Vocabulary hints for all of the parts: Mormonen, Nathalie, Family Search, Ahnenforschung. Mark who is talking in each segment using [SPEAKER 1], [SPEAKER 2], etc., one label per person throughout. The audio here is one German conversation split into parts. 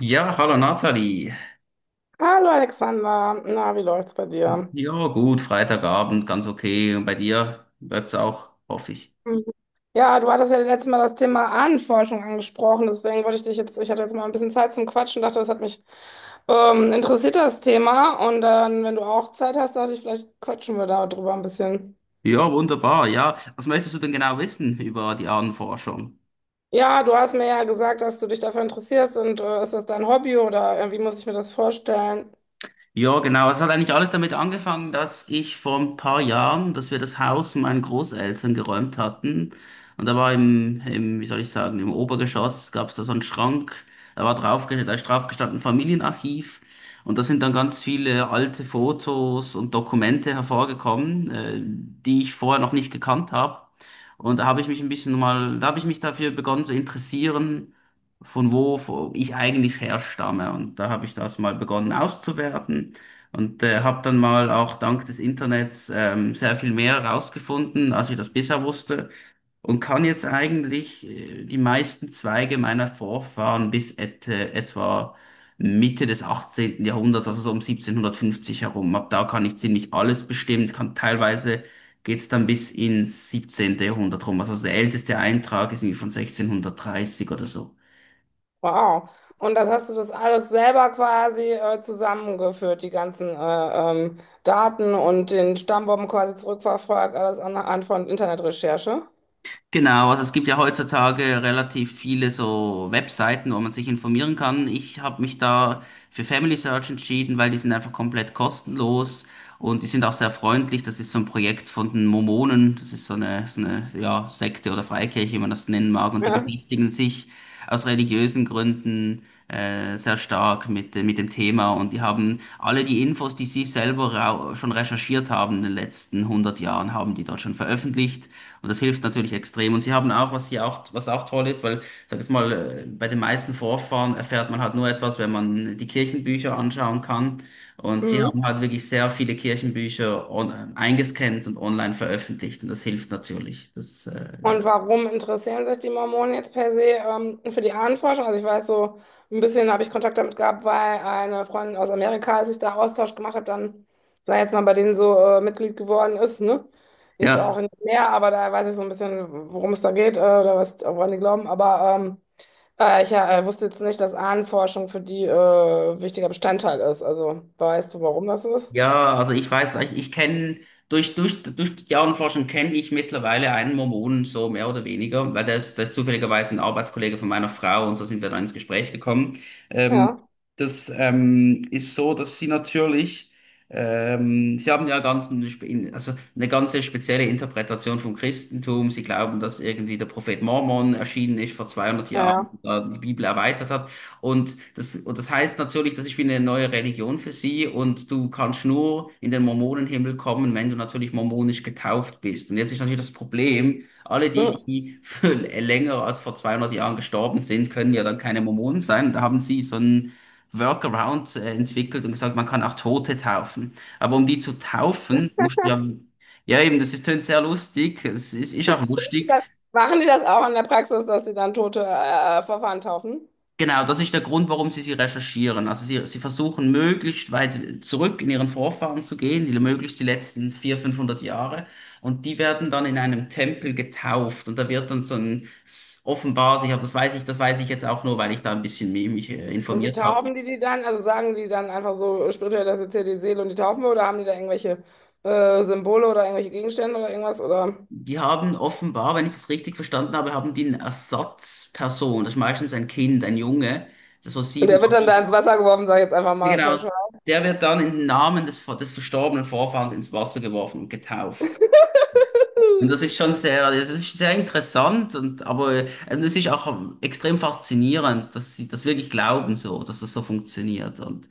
[SPEAKER 1] Ja, hallo Nathalie.
[SPEAKER 2] Hallo Alexander, na, wie läuft's bei dir?
[SPEAKER 1] Ja, gut, Freitagabend, ganz okay. Und bei dir läuft's auch, hoffe ich.
[SPEAKER 2] Mhm. Ja, du hattest ja letztes Mal das Thema Ahnenforschung angesprochen, deswegen wollte ich dich jetzt, ich hatte jetzt mal ein bisschen Zeit zum Quatschen, dachte, das hat mich interessiert, das Thema. Und dann, wenn du auch Zeit hast, dachte ich, vielleicht quatschen wir da drüber ein bisschen.
[SPEAKER 1] Ja, wunderbar. Ja, was möchtest du denn genau wissen über die Ahnenforschung?
[SPEAKER 2] Ja, du hast mir ja gesagt, dass du dich dafür interessierst und ist das dein Hobby oder wie muss ich mir das vorstellen?
[SPEAKER 1] Ja, genau. Es hat eigentlich alles damit angefangen, dass ich vor ein paar Jahren, dass wir das Haus meinen Großeltern geräumt hatten. Und da war wie soll ich sagen, im Obergeschoss gab es da so einen Schrank. Da ist drauf gestanden Familienarchiv. Und da sind dann ganz viele alte Fotos und Dokumente hervorgekommen, die ich vorher noch nicht gekannt habe. Da habe ich mich dafür begonnen zu interessieren, von wo ich eigentlich herstamme. Und da habe ich das mal begonnen auszuwerten und habe dann mal auch dank des Internets sehr viel mehr herausgefunden, als ich das bisher wusste. Und kann jetzt eigentlich die meisten Zweige meiner Vorfahren bis etwa Mitte des 18. Jahrhunderts, also so um 1750 herum. Ab da kann ich ziemlich alles bestimmen, kann teilweise geht's dann bis ins 17. Jahrhundert rum. Also der älteste Eintrag ist irgendwie von 1630 oder so.
[SPEAKER 2] Wow. Und das hast du das alles selber quasi zusammengeführt, die ganzen Daten und den Stammbaum quasi zurückverfolgt, alles anhand von Internetrecherche?
[SPEAKER 1] Genau, also es gibt ja heutzutage relativ viele so Webseiten, wo man sich informieren kann. Ich habe mich da für Family Search entschieden, weil die sind einfach komplett kostenlos und die sind auch sehr freundlich. Das ist so ein Projekt von den Mormonen. Das ist so eine, so eine, ja, Sekte oder Freikirche, wie man das nennen mag. Und die
[SPEAKER 2] Ja.
[SPEAKER 1] beschäftigen sich aus religiösen Gründen sehr stark mit dem Thema. Und die haben alle die Infos, die sie selber schon recherchiert haben in den letzten 100 Jahren, haben die dort schon veröffentlicht. Und das hilft natürlich extrem. Und sie haben auch, was was auch toll ist, weil, ich sag jetzt mal, bei den meisten Vorfahren erfährt man halt nur etwas, wenn man die Kirchenbücher anschauen kann. Und sie
[SPEAKER 2] Mhm.
[SPEAKER 1] haben halt wirklich sehr viele Kirchenbücher eingescannt und online veröffentlicht. Und das hilft natürlich.
[SPEAKER 2] Und warum interessieren sich die Mormonen jetzt per se für die Ahnenforschung? Also ich weiß so, ein bisschen habe ich Kontakt damit gehabt, weil eine Freundin aus Amerika, als ich da Austausch gemacht habe, dann, sei jetzt mal, bei denen so Mitglied geworden ist, ne? Jetzt
[SPEAKER 1] Ja,
[SPEAKER 2] auch nicht mehr, aber da weiß ich so ein bisschen, worum es da geht oder was, woran die glauben. Aber ich wusste jetzt nicht, dass Ahnenforschung für die wichtiger Bestandteil ist. Also weißt du, warum das so ist?
[SPEAKER 1] Ja, also ich kenne durch die Jahrenforschung kenne ich mittlerweile einen Mormonen so mehr oder weniger, weil der ist zufälligerweise ein Arbeitskollege von meiner Frau und so sind wir dann ins Gespräch gekommen.
[SPEAKER 2] Ja,
[SPEAKER 1] Ähm, das ist so, dass sie natürlich, sie haben ja ganz, eine also eine ganze spezielle Interpretation vom Christentum. Sie glauben, dass irgendwie der Prophet Mormon erschienen ist vor 200, mhm, Jahren,
[SPEAKER 2] ja,
[SPEAKER 1] da die Bibel erweitert hat. Und das heißt natürlich, das ist wie eine neue Religion für sie, und du kannst nur in den Mormonenhimmel kommen, wenn du natürlich mormonisch getauft bist. Und jetzt ist natürlich das Problem,
[SPEAKER 2] ja.
[SPEAKER 1] die für länger als vor 200 Jahren gestorben sind, können ja dann keine Mormonen sein. Da haben sie so einen Workaround entwickelt und gesagt, man kann auch Tote taufen. Aber um die zu taufen, musst du ja, ja eben, das ist tönt sehr lustig, ist auch lustig.
[SPEAKER 2] Dann machen die das auch in der Praxis, dass sie dann tote Verfahren taufen?
[SPEAKER 1] Genau, das ist der Grund, warum sie recherchieren. Also sie versuchen möglichst weit zurück in ihren Vorfahren zu gehen, möglichst die letzten 400, 500 Jahre. Und die werden dann in einem Tempel getauft. Und da wird dann so ein, offenbar, ich habe, das weiß ich jetzt auch nur, weil ich da ein bisschen mi- mich
[SPEAKER 2] Und wie
[SPEAKER 1] informiert habe.
[SPEAKER 2] taufen die die dann? Also sagen die dann einfach so spirituell, das ist jetzt hier die Seele und die taufen wir? Oder haben die da irgendwelche Symbole oder irgendwelche Gegenstände oder irgendwas? Oder?
[SPEAKER 1] Die haben offenbar, wenn ich das richtig verstanden habe, haben die eine Ersatzperson. Das ist meistens ein Kind, ein Junge, das so
[SPEAKER 2] Und der
[SPEAKER 1] sieben,
[SPEAKER 2] wird
[SPEAKER 1] acht.
[SPEAKER 2] dann da ins Wasser geworfen, sage ich jetzt einfach
[SPEAKER 1] Ja,
[SPEAKER 2] mal
[SPEAKER 1] genau.
[SPEAKER 2] pauschal.
[SPEAKER 1] Der wird dann im Namen des verstorbenen Vorfahrens ins Wasser geworfen und getauft. Und das ist schon sehr, das ist sehr interessant, und aber und es ist auch extrem faszinierend, dass sie das wirklich glauben so, dass das so funktioniert. Und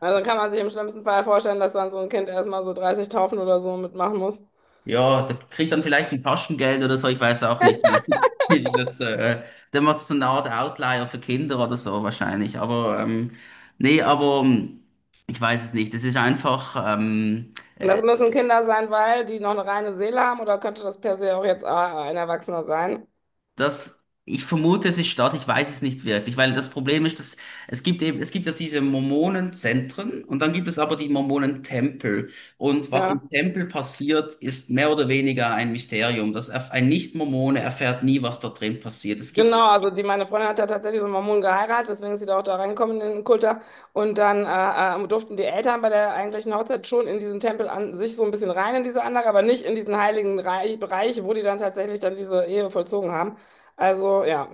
[SPEAKER 2] Also kann man sich im schlimmsten Fall vorstellen, dass dann so ein Kind erstmal so 30 Taufen oder so mitmachen muss.
[SPEAKER 1] ja, da kriegt dann vielleicht ein Taschengeld oder so, ich weiß auch nicht, wie, wie die das der macht so eine Art Outlier für Kinder oder so wahrscheinlich. Aber nee, aber ich weiß es nicht. Es ist einfach
[SPEAKER 2] Und
[SPEAKER 1] äh,
[SPEAKER 2] das müssen Kinder sein, weil die noch eine reine Seele haben oder könnte das per se auch jetzt ein Erwachsener sein?
[SPEAKER 1] Das, ich vermute, es ist das, ich weiß es nicht wirklich, weil das Problem ist, dass es gibt ja diese Mormonenzentren und dann gibt es aber die Mormonentempel. Und was im
[SPEAKER 2] Ja.
[SPEAKER 1] Tempel passiert, ist mehr oder weniger ein Mysterium. Das ein Nicht-Mormone erfährt nie, was dort drin passiert. Es gibt.
[SPEAKER 2] Genau, also die, meine Freundin hat ja tatsächlich so einen Mormonen geheiratet, deswegen ist sie da auch da reingekommen in den Kult da. Und dann durften die Eltern bei der eigentlichen Hochzeit schon in diesen Tempel an sich so ein bisschen rein in diese Anlage, aber nicht in diesen heiligen Reich, Bereich, wo die dann tatsächlich dann diese Ehe vollzogen haben. Also ja.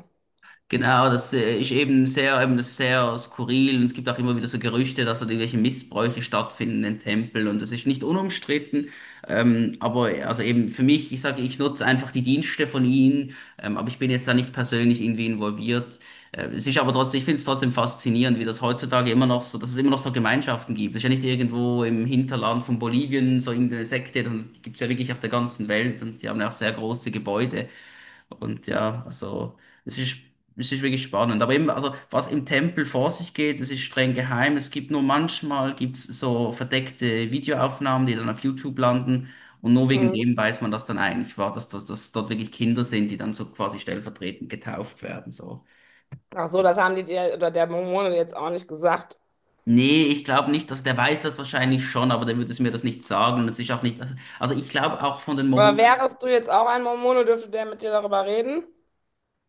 [SPEAKER 1] Genau, das ist eben das ist sehr skurril. Und es gibt auch immer wieder so Gerüchte, dass dort irgendwelche Missbräuche stattfinden in Tempeln und das ist nicht unumstritten. Aber also eben für mich, ich sage, ich nutze einfach die Dienste von ihnen, aber ich bin jetzt da nicht persönlich irgendwie involviert. Es ist aber trotzdem, ich finde es trotzdem faszinierend, wie das heutzutage immer noch so, dass es immer noch so Gemeinschaften gibt. Das ist ja nicht irgendwo im Hinterland von Bolivien so irgendeine Sekte, sondern die gibt es ja wirklich auf der ganzen Welt und die haben ja auch sehr große Gebäude. Und ja, also es ist, es ist wirklich spannend. Aber eben, also was im Tempel vor sich geht, es ist streng geheim. Es gibt nur manchmal gibt's so verdeckte Videoaufnahmen, die dann auf YouTube landen. Und nur wegen
[SPEAKER 2] Hm.
[SPEAKER 1] dem weiß man, dass dann eigentlich war, dass, dass, dass dort wirklich Kinder sind, die dann so quasi stellvertretend getauft werden. So.
[SPEAKER 2] Ach so, das haben die dir oder der Mormone jetzt auch nicht gesagt.
[SPEAKER 1] Nee, ich glaube nicht, dass der weiß, das wahrscheinlich schon, aber der würde es mir das nicht sagen. Das ist auch nicht, also ich glaube auch von den
[SPEAKER 2] Aber
[SPEAKER 1] Mormonen.
[SPEAKER 2] wärest du jetzt auch ein Mormone, dürfte der mit dir darüber reden?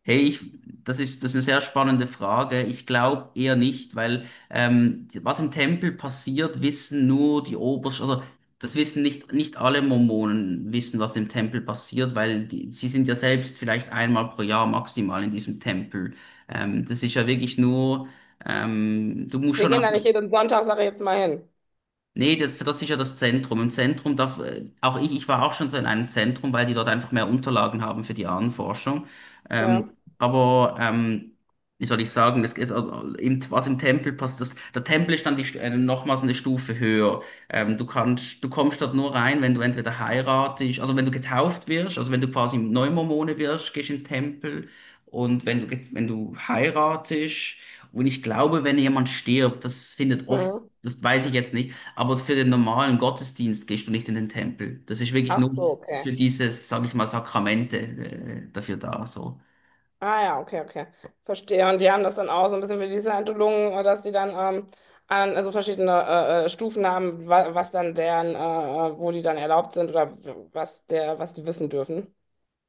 [SPEAKER 1] Hey, das ist eine sehr spannende Frage. Ich glaube eher nicht, weil was im Tempel passiert, wissen nur die Obersten, also das wissen nicht, nicht alle Mormonen wissen, was im Tempel passiert, weil sie sind ja selbst vielleicht einmal pro Jahr maximal in diesem Tempel. Das ist ja wirklich nur, du musst
[SPEAKER 2] Wir
[SPEAKER 1] schon
[SPEAKER 2] gehen
[SPEAKER 1] auch.
[SPEAKER 2] da nicht jeden Sonntag, sage ich jetzt mal hin.
[SPEAKER 1] Nee, das ist ja das Zentrum. Im Zentrum darf, auch ich war auch schon so in einem Zentrum, weil die dort einfach mehr Unterlagen haben für die Ahnenforschung.
[SPEAKER 2] Ja.
[SPEAKER 1] Ähm, aber, ähm, wie soll ich sagen, also, was im Tempel passt, der Tempel ist dann die, nochmals eine Stufe höher. Du kannst, du kommst dort nur rein, wenn du entweder heiratest, also wenn du getauft wirst, also wenn du quasi Neumormone wirst, gehst in den Tempel. Und wenn du, wenn du heiratest, und ich glaube, wenn jemand stirbt, das findet oft,
[SPEAKER 2] Mhm.
[SPEAKER 1] das weiß ich jetzt nicht, aber für den normalen Gottesdienst gehst du nicht in den Tempel. Das ist wirklich
[SPEAKER 2] Ach
[SPEAKER 1] nur
[SPEAKER 2] so,
[SPEAKER 1] für
[SPEAKER 2] okay.
[SPEAKER 1] dieses, sage ich mal, Sakramente, dafür da. So.
[SPEAKER 2] Ah ja, okay, okay. Verstehe. Und die haben das dann auch so ein bisschen wie die Scientologen, dass die dann an, also verschiedene Stufen haben, wa was dann deren, wo die dann erlaubt sind oder w- was der, was die wissen dürfen.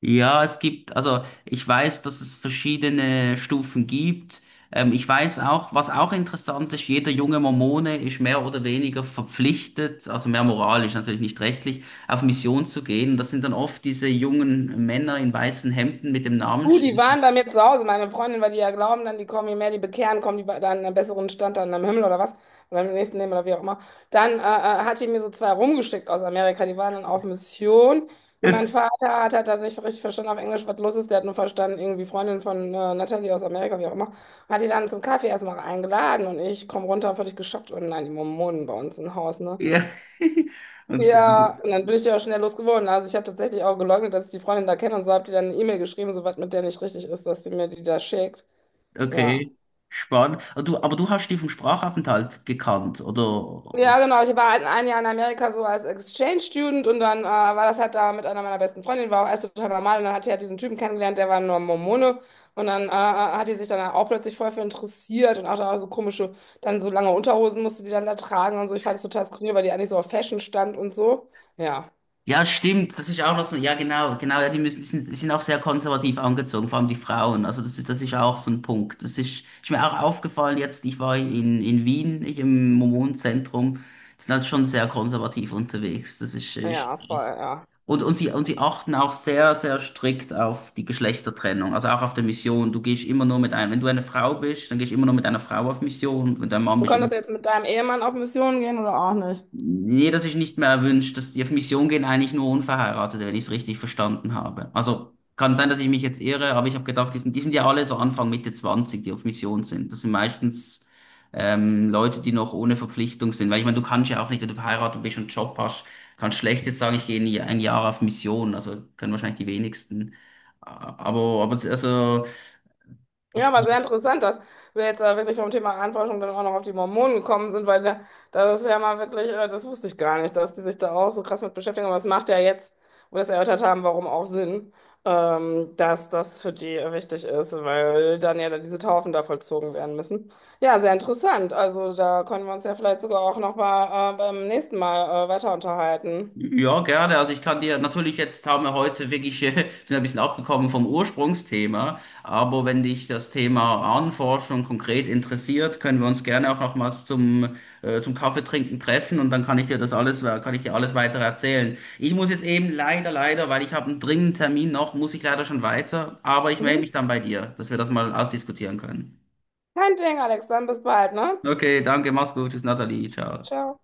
[SPEAKER 1] Ja, es gibt, also ich weiß, dass es verschiedene Stufen gibt. Ich weiß auch, was auch interessant ist, jeder junge Mormone ist mehr oder weniger verpflichtet, also mehr moralisch, natürlich nicht rechtlich, auf Mission zu gehen. Das sind dann oft diese jungen Männer in weißen Hemden mit dem
[SPEAKER 2] Du, die
[SPEAKER 1] Namensschild.
[SPEAKER 2] waren bei mir zu Hause, meine Freundin, weil die ja glauben, dann die kommen, je mehr die bekehren, kommen die bei- dann in einen besseren Stand dann am Himmel oder was, oder im nächsten Leben oder wie auch immer. Dann hat die mir so zwei rumgeschickt aus Amerika, die waren dann auf Mission. Und mein Vater hat halt das nicht richtig verstanden auf Englisch, was los ist. Der hat nur verstanden, irgendwie Freundin von Natalie aus Amerika, wie auch immer. Hat die dann zum Kaffee erstmal eingeladen und ich komme runter, völlig geschockt. Und nein, die Mormonen bei uns im Haus, ne?
[SPEAKER 1] Ja. Und äh,
[SPEAKER 2] Ja, und dann bin ich die auch schnell losgeworden. Also ich habe tatsächlich auch geleugnet, dass ich die Freundin da kenne und so, habe die dann eine E-Mail geschrieben, so was mit der nicht richtig ist, dass sie mir die da schickt. Ja.
[SPEAKER 1] Okay, spannend. Aber du hast die vom Sprachaufenthalt gekannt, oder?
[SPEAKER 2] Ja, genau. Ich war halt ein Jahr in Amerika so als Exchange Student und dann war das halt da mit einer meiner besten Freundinnen, war auch erst total normal und dann hat die halt diesen Typen kennengelernt, der war nur Mormone und dann hat die sich dann auch plötzlich voll für interessiert und auch da so komische, dann so lange Unterhosen musste die dann da tragen und so. Ich fand es total skurril, weil die eigentlich so auf Fashion stand und so. Ja,
[SPEAKER 1] Ja, stimmt, das ist auch noch so, ja genau, genau, ja, die sind auch sehr konservativ angezogen, vor allem die Frauen, also das ist auch so ein Punkt. Ist mir auch aufgefallen jetzt, ich war in Wien, ich im Mormonenzentrum, die sind halt schon sehr konservativ unterwegs, das ist, ist
[SPEAKER 2] ja, voll, ja.
[SPEAKER 1] Und sie achten auch sehr, sehr strikt auf die Geschlechtertrennung, also auch auf der Mission. Du gehst immer nur mit einem, wenn du eine Frau bist, dann gehst du immer nur mit einer Frau auf Mission. Wenn du ein Mann
[SPEAKER 2] Du
[SPEAKER 1] bist.
[SPEAKER 2] könntest jetzt mit deinem Ehemann auf Mission gehen oder auch nicht.
[SPEAKER 1] Nee, das ist nicht mehr erwünscht. Die auf Mission gehen eigentlich nur Unverheiratete, wenn ich es richtig verstanden habe. Also kann sein, dass ich mich jetzt irre, aber ich habe gedacht, die sind ja alle so Anfang Mitte 20, die auf Mission sind. Das sind meistens Leute, die noch ohne Verpflichtung sind. Weil ich meine, du kannst ja auch nicht, wenn du verheiratet bist und einen Job hast, kannst schlecht jetzt sagen, ich gehe ein Jahr, ein Jahr auf Mission. Also können wahrscheinlich die wenigsten. Aber also
[SPEAKER 2] Ja,
[SPEAKER 1] ich.
[SPEAKER 2] aber sehr interessant, dass wir jetzt da wirklich vom Thema Ahnenforschung dann auch noch auf die Mormonen gekommen sind, weil da, das ist ja mal wirklich, das wusste ich gar nicht, dass die sich da auch so krass mit beschäftigen. Aber es macht ja jetzt, wo wir das erörtert haben, warum auch Sinn, dass das für die wichtig ist, weil dann ja dann diese Taufen da vollzogen werden müssen. Ja, sehr interessant. Also da können wir uns ja vielleicht sogar auch noch mal beim nächsten Mal weiter unterhalten.
[SPEAKER 1] Ja, gerne. Also ich kann dir natürlich jetzt, haben wir heute wirklich sind wir ein bisschen abgekommen vom Ursprungsthema, aber wenn dich das Thema Ahnenforschung konkret interessiert, können wir uns gerne auch nochmals zum zum Kaffeetrinken treffen und dann kann ich dir alles weiter erzählen. Ich muss jetzt eben leider, weil ich habe einen dringenden Termin noch, muss ich leider schon weiter, aber ich melde
[SPEAKER 2] Mhm.
[SPEAKER 1] mich dann bei dir, dass wir das mal ausdiskutieren können.
[SPEAKER 2] Kein Ding, Alex, dann bis bald, ne?
[SPEAKER 1] Okay, danke, mach's gut, tschüss, Nathalie, ciao.
[SPEAKER 2] Ciao.